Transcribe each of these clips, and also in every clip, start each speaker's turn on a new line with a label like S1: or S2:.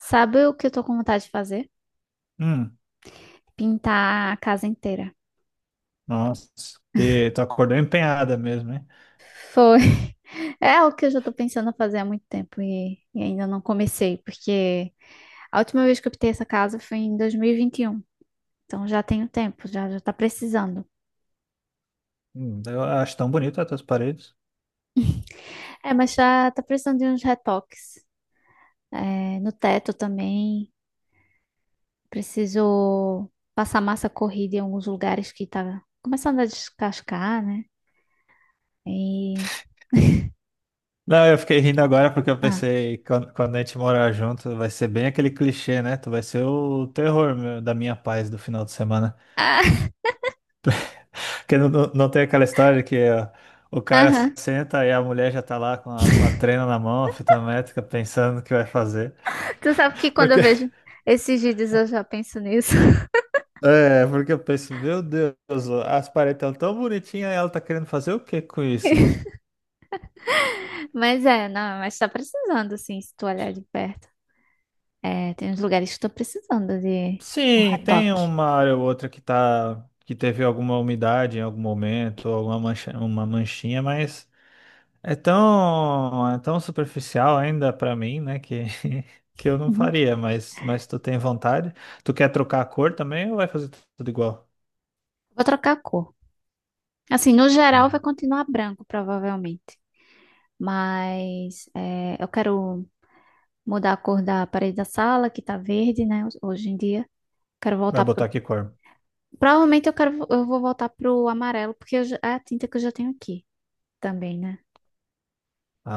S1: Sabe o que eu tô com vontade de fazer?
S2: Hum,
S1: Pintar a casa inteira.
S2: nossa, que tu acordou empenhada mesmo, hein?
S1: Foi. É o que eu já tô pensando em fazer há muito tempo e ainda não comecei, porque a última vez que eu pintei essa casa foi em dois mil e vinte e um. Então já tenho tempo, já tá precisando.
S2: Eu acho tão bonito as tuas paredes.
S1: É, mas já tá precisando de uns retoques. É, no teto também. Preciso passar massa corrida em alguns lugares que tá começando a descascar, né? E.
S2: Não, eu fiquei rindo agora porque eu
S1: Ah.
S2: pensei, quando a gente morar junto, vai ser bem aquele clichê, né? Tu vai ser o terror da minha paz do final de semana. Porque não tem aquela história que ó, o cara
S1: Ah,
S2: senta e a mulher já tá lá com a trena na mão, a fita métrica, pensando o que vai fazer.
S1: tu sabe que quando eu
S2: Porque,
S1: vejo esses vídeos eu já penso nisso.
S2: É, porque eu penso, meu Deus, as paredes estão tão bonitinhas e ela tá querendo fazer o que com isso?
S1: Mas é, não, mas tá precisando, assim, se tu olhar de perto. É, tem uns lugares que estou precisando de um
S2: Sim, tem
S1: retoque.
S2: uma área ou outra que teve alguma umidade em algum momento, alguma mancha, uma manchinha, mas é tão superficial ainda pra mim, né, que que eu não
S1: Uhum.
S2: faria, mas tu tem vontade? Tu quer trocar a cor também ou vai fazer tudo igual?
S1: Vou trocar a cor. Assim, no geral vai continuar branco, provavelmente. Mas é, eu quero mudar a cor da parede da sala, que tá verde, né, hoje em dia. Quero
S2: Vai
S1: voltar pro...
S2: botar que cor?
S1: Provavelmente eu vou voltar pro amarelo, porque é a tinta que eu já tenho aqui também, né?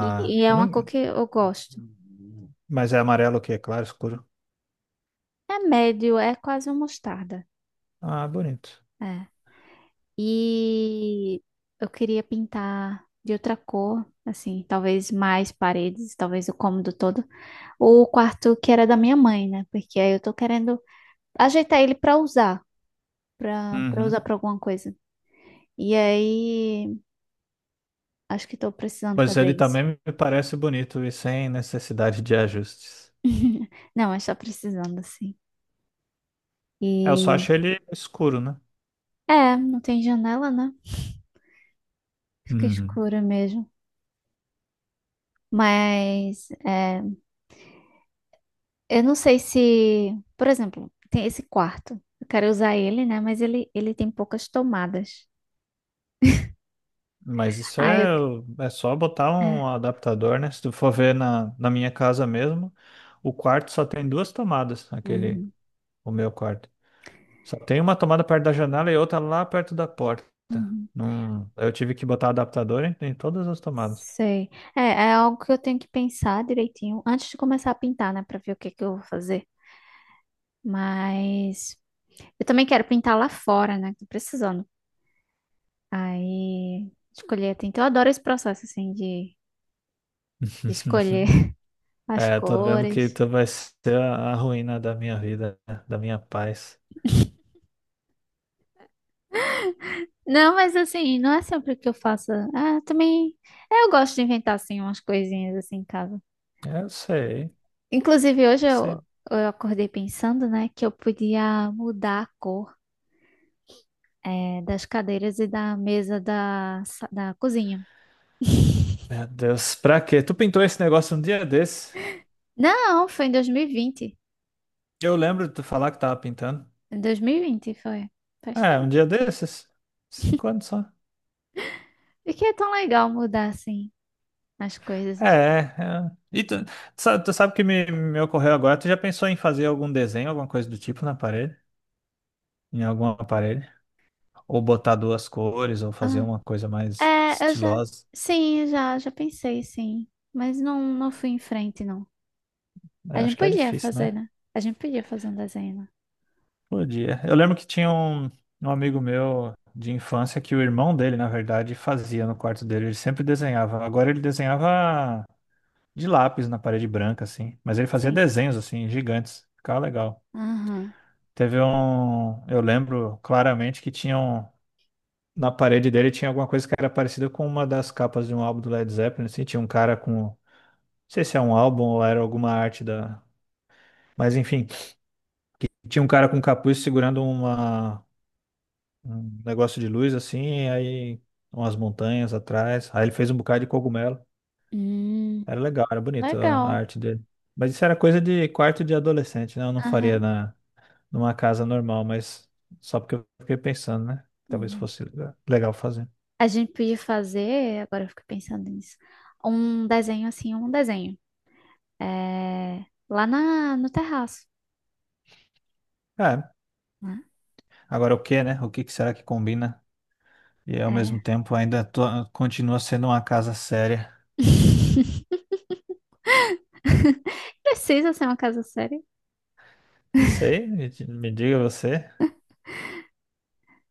S1: E, e é
S2: eu
S1: uma cor
S2: não,
S1: que eu gosto.
S2: mas é amarelo o quê? Claro, escuro.
S1: É médio, é quase uma mostarda.
S2: Ah, bonito.
S1: É. E eu queria pintar de outra cor, assim, talvez mais paredes, talvez o cômodo todo. O quarto que era da minha mãe, né? Porque aí eu tô querendo ajeitar ele pra usar, pra para
S2: Uhum.
S1: usar pra alguma coisa. E aí, acho que tô precisando
S2: Mas
S1: fazer
S2: ele
S1: isso.
S2: também me parece bonito e sem necessidade de ajustes.
S1: Não, mas tá precisando, assim.
S2: É, eu só
S1: E
S2: acho ele escuro, né?
S1: é, não tem janela, né? Fica
S2: Uhum.
S1: escura mesmo. Mas é, eu não sei se, por exemplo, tem esse quarto. Eu quero usar ele, né? Mas ele tem poucas tomadas.
S2: Mas isso
S1: Ah, eu.
S2: é só botar
S1: Hum.
S2: um
S1: É.
S2: adaptador, né? Se tu for ver na minha casa mesmo, o quarto só tem duas tomadas, aquele,
S1: Uhum,
S2: o meu quarto. Só tem uma tomada perto da janela e outra lá perto da porta.
S1: uhum.
S2: Não, eu tive que botar adaptador em todas as tomadas.
S1: Sei. É, é algo que eu tenho que pensar direitinho antes de começar a pintar, né? Pra ver o que que eu vou fazer. Mas eu também quero pintar lá fora, né? Tô precisando. Aí escolher. Então, eu adoro esse processo, assim, de, escolher as
S2: É, tô vendo que
S1: cores.
S2: tu vai ser a ruína da minha vida, da minha paz.
S1: Não, mas assim, não é sempre que eu faça. Ah, também. É, eu gosto de inventar assim umas coisinhas assim em casa.
S2: É, eu sei,
S1: Inclusive, hoje eu,
S2: sei.
S1: eu acordei pensando, né, que eu podia mudar a cor, das cadeiras e da mesa da cozinha.
S2: Meu Deus, pra quê? Tu pintou esse negócio um dia desse?
S1: Não, foi em 2020.
S2: Eu lembro de tu falar que tava pintando.
S1: Em 2020 foi. Faz
S2: É, um
S1: tempo.
S2: dia desses? Cinco anos só.
S1: E que é tão legal mudar assim as
S2: É,
S1: coisas.
S2: é. É. E tu sabe, o que me ocorreu agora? Tu já pensou em fazer algum desenho, alguma coisa do tipo na parede? Em algum aparelho? Ou botar duas cores, ou fazer
S1: Ah,
S2: uma coisa mais
S1: é, eu já.
S2: estilosa?
S1: Sim, eu já pensei, sim. Mas não, não fui em frente, não.
S2: É,
S1: A gente
S2: acho que é
S1: podia
S2: difícil,
S1: fazer,
S2: né?
S1: né? A gente podia fazer um desenho, né?
S2: Podia. Eu lembro que tinha um amigo meu de infância que o irmão dele, na verdade, fazia no quarto dele. Ele sempre desenhava. Agora ele desenhava de lápis na parede branca, assim. Mas ele fazia
S1: Sim.
S2: desenhos, assim, gigantes. Ficava legal.
S1: Aham.
S2: Teve um. Eu lembro claramente que tinham. Na parede dele tinha alguma coisa que era parecida com uma das capas de um álbum do Led Zeppelin, assim. Tinha um cara com. Não sei se é um álbum ou era alguma arte da. Mas enfim, tinha um cara com um capuz segurando uma... um negócio de luz, assim, aí umas montanhas atrás. Aí ele fez um bocado de cogumelo.
S1: Hum,
S2: Era legal, era bonito a
S1: legal.
S2: arte dele. Mas isso era coisa de quarto de adolescente, né? Eu não faria
S1: Aham.
S2: na. Numa casa normal, mas só porque eu fiquei pensando, né? Talvez
S1: Uhum.
S2: fosse legal fazer.
S1: A gente podia fazer, agora eu fico pensando nisso, um desenho assim, um desenho. É, lá no terraço,
S2: É,
S1: né?
S2: agora o que, né? O que que será que combina? E ao mesmo
S1: É.
S2: tempo ainda continua sendo uma casa séria.
S1: Precisa ser uma casa séria?
S2: Não sei, me diga você.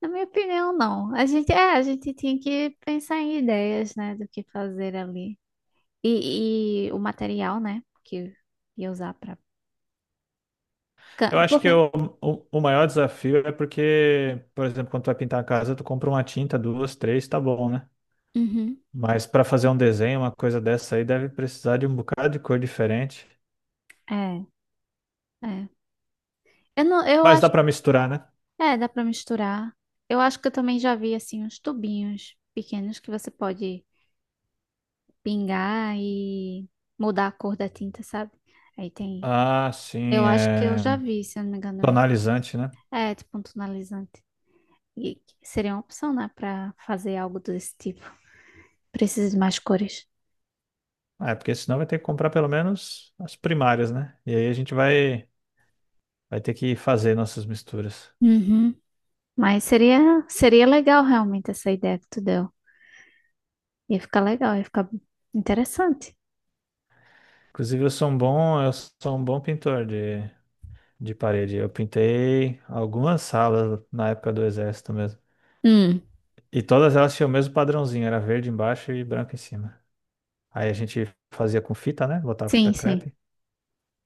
S1: Na minha opinião, não. A gente tinha que pensar em ideias, né, do que fazer ali. E o material, né, que ia usar pra...
S2: Eu acho que
S1: Porque...
S2: o maior desafio é porque, por exemplo, quando tu vai pintar a casa, tu compra uma tinta, duas, três, tá bom, né?
S1: Uhum.
S2: Mas para fazer um desenho, uma coisa dessa aí, deve precisar de um bocado de cor diferente.
S1: É. É. Eu não, eu
S2: Mas dá
S1: acho,
S2: para misturar, né?
S1: é, dá pra misturar. Eu acho que eu também já vi assim uns tubinhos pequenos que você pode pingar e mudar a cor da tinta, sabe? Aí tem.
S2: Ah,
S1: Eu
S2: sim,
S1: acho que eu
S2: é
S1: já vi, se eu não me engano.
S2: tonalizante, né?
S1: É, tipo um tonalizante. E seria uma opção, né, pra fazer algo desse tipo. Preciso de mais cores.
S2: Ah, é, porque senão vai ter que comprar pelo menos as primárias, né? E aí a gente vai, vai ter que fazer nossas misturas.
S1: Uhum. Mas seria legal realmente essa ideia que tu deu. Ia ficar legal, ia ficar interessante.
S2: Inclusive, eu sou um bom pintor de parede. Eu pintei algumas salas na época do exército mesmo.
S1: Hum.
S2: E todas elas tinham o mesmo padrãozinho, era verde embaixo e branco em cima. Aí a gente fazia com fita, né? Botava fita
S1: Sim, sim.
S2: crepe.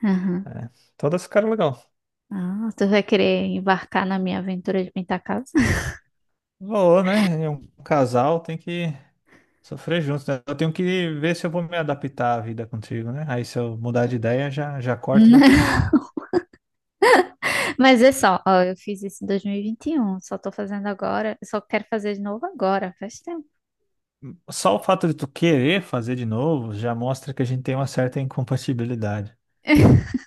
S1: Aham.
S2: É, todas ficaram legal.
S1: Ah, tu vai querer embarcar na minha aventura de pintar casa?
S2: Valor, né? E um casal tem que sofrer juntos, né? Eu tenho que ver se eu vou me adaptar à vida contigo, né? Aí se eu mudar de ideia, já, já corto daqui, já.
S1: Mas é só, ó, eu fiz isso em dois mil e vinte e um. Só tô fazendo agora, só quero fazer de novo agora, faz tempo.
S2: Só o fato de tu querer fazer de novo já mostra que a gente tem uma certa incompatibilidade.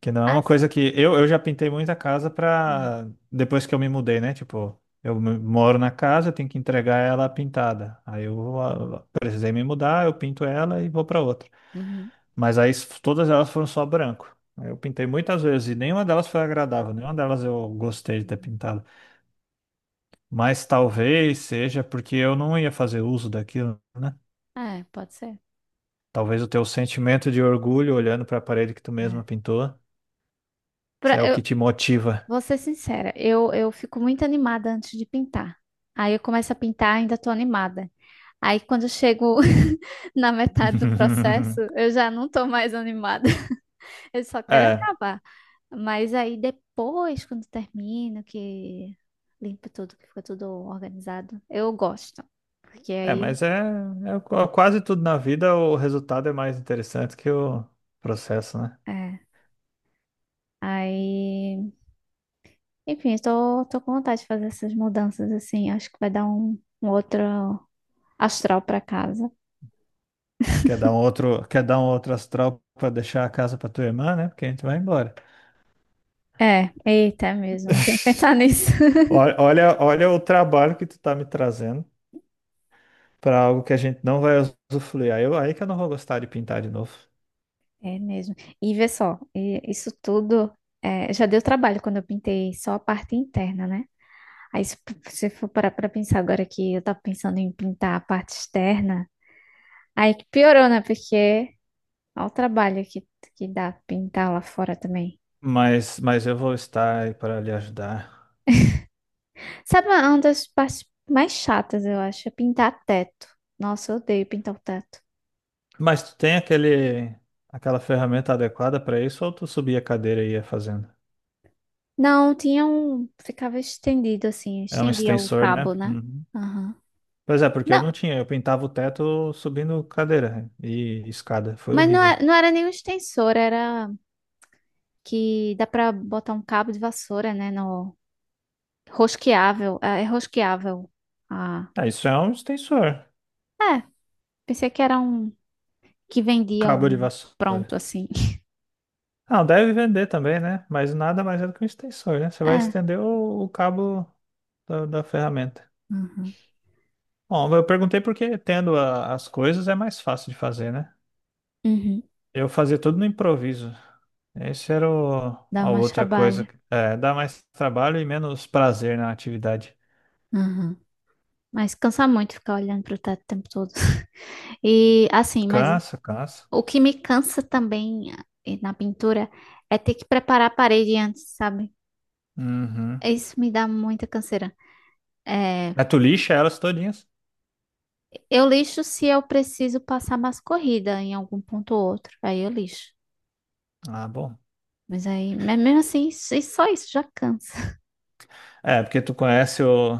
S2: Que não é uma
S1: As-
S2: coisa que... Eu já pintei muita casa pra... Depois que eu me mudei, né? Tipo, eu moro na casa, eu tenho que entregar ela pintada. Aí eu precisei me mudar, eu pinto ela e vou pra outra.
S1: Uhum.
S2: Mas aí todas elas foram só branco. Eu pintei muitas vezes e nenhuma delas foi agradável, nenhuma delas eu gostei de ter
S1: Uhum.
S2: pintado. Mas talvez seja porque eu não ia fazer uso daquilo, né?
S1: É, pode ser.
S2: Talvez o teu sentimento de orgulho olhando para a parede que tu
S1: É.
S2: mesma pintou, isso é o
S1: Eu
S2: que te motiva.
S1: vou ser sincera, eu fico muito animada antes de pintar. Aí eu começo a pintar, ainda tô animada. Aí quando eu chego na metade do processo, eu já não tô mais animada. Eu só quero
S2: É,
S1: acabar. Mas aí depois, quando termino, que limpo tudo, que fica tudo organizado, eu gosto. Porque
S2: é,
S1: aí,
S2: mas quase tudo na vida o resultado é mais interessante que o processo, né?
S1: é, aí, enfim, tô com vontade de fazer essas mudanças assim. Acho que vai dar um outro astral para casa.
S2: Quer dar um outro astral para deixar a casa para tua irmã, né? Porque a gente vai embora.
S1: É, eita, é mesmo, tem que pensar nisso.
S2: Olha, olha olha o trabalho que tu tá me trazendo para algo que a gente não vai usufruir. Aí, que eu não vou gostar de pintar de novo.
S1: É mesmo. E vê só, isso tudo é, já deu trabalho quando eu pintei só a parte interna, né? Aí se você for parar para pensar agora que eu tava pensando em pintar a parte externa. Aí que piorou, né? Porque olha o trabalho que dá pintar lá fora também.
S2: Mas eu vou estar aí para lhe ajudar.
S1: Sabe uma das partes mais chatas, eu acho, é pintar teto. Nossa, eu odeio pintar o teto.
S2: Mas tu tem aquela ferramenta adequada para isso ou tu subia a cadeira e ia fazendo?
S1: Não, tinha um. Ficava estendido assim,
S2: É um
S1: estendia o
S2: extensor, né?
S1: cabo, né?
S2: Uhum.
S1: Aham.
S2: Pois é, porque eu
S1: Não,
S2: não tinha. Eu pintava o teto subindo cadeira e escada. Foi
S1: mas não
S2: horrível.
S1: era, não era nenhum extensor, era que dá pra botar um cabo de vassoura, né? No rosqueável. É, é rosqueável. Ah,
S2: Ah, isso é um extensor.
S1: é. Pensei que era um que vendia
S2: Cabo de
S1: um pronto
S2: vassoura.
S1: assim.
S2: Ah, deve vender também, né? Mas nada mais é do que um extensor, né? Você vai
S1: É.
S2: estender o cabo da ferramenta.
S1: Uhum.
S2: Bom, eu perguntei porque tendo as coisas é mais fácil de fazer, né?
S1: Uhum.
S2: Eu fazia tudo no improviso. Esse era
S1: Dá
S2: a
S1: mais Cansa
S2: outra
S1: trabalho.
S2: coisa.
S1: Né?
S2: É, dá mais trabalho e menos prazer na atividade.
S1: Aham. Mas cansa muito ficar olhando para o teto o tempo todo. E assim, mas
S2: Cansa, cansa.
S1: o que me cansa também na pintura é ter que preparar a parede antes, sabe?
S2: Uhum.
S1: Isso me dá muita canseira. É,
S2: Mas tu lixa elas todinhas?
S1: eu lixo se eu preciso passar mais corrida em algum ponto ou outro. Aí eu lixo.
S2: Ah, bom.
S1: Mas aí, mas mesmo assim, só isso já cansa.
S2: É, porque tu conhece o,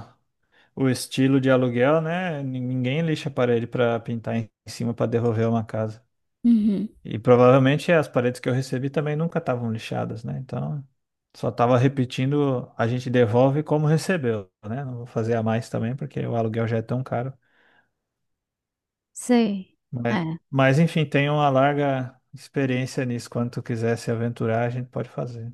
S2: o estilo de aluguel, né? Ninguém lixa a parede pra pintar em cima pra devolver uma casa.
S1: Uhum.
S2: E provavelmente as paredes que eu recebi também nunca estavam lixadas, né? Então, só tava repetindo, a gente devolve como recebeu, né? Não vou fazer a mais também, porque o aluguel já é tão caro.
S1: Sei.
S2: Mas,
S1: É.
S2: mas enfim, tem uma larga experiência nisso. Quando tu quiser se aventurar, a gente pode fazer.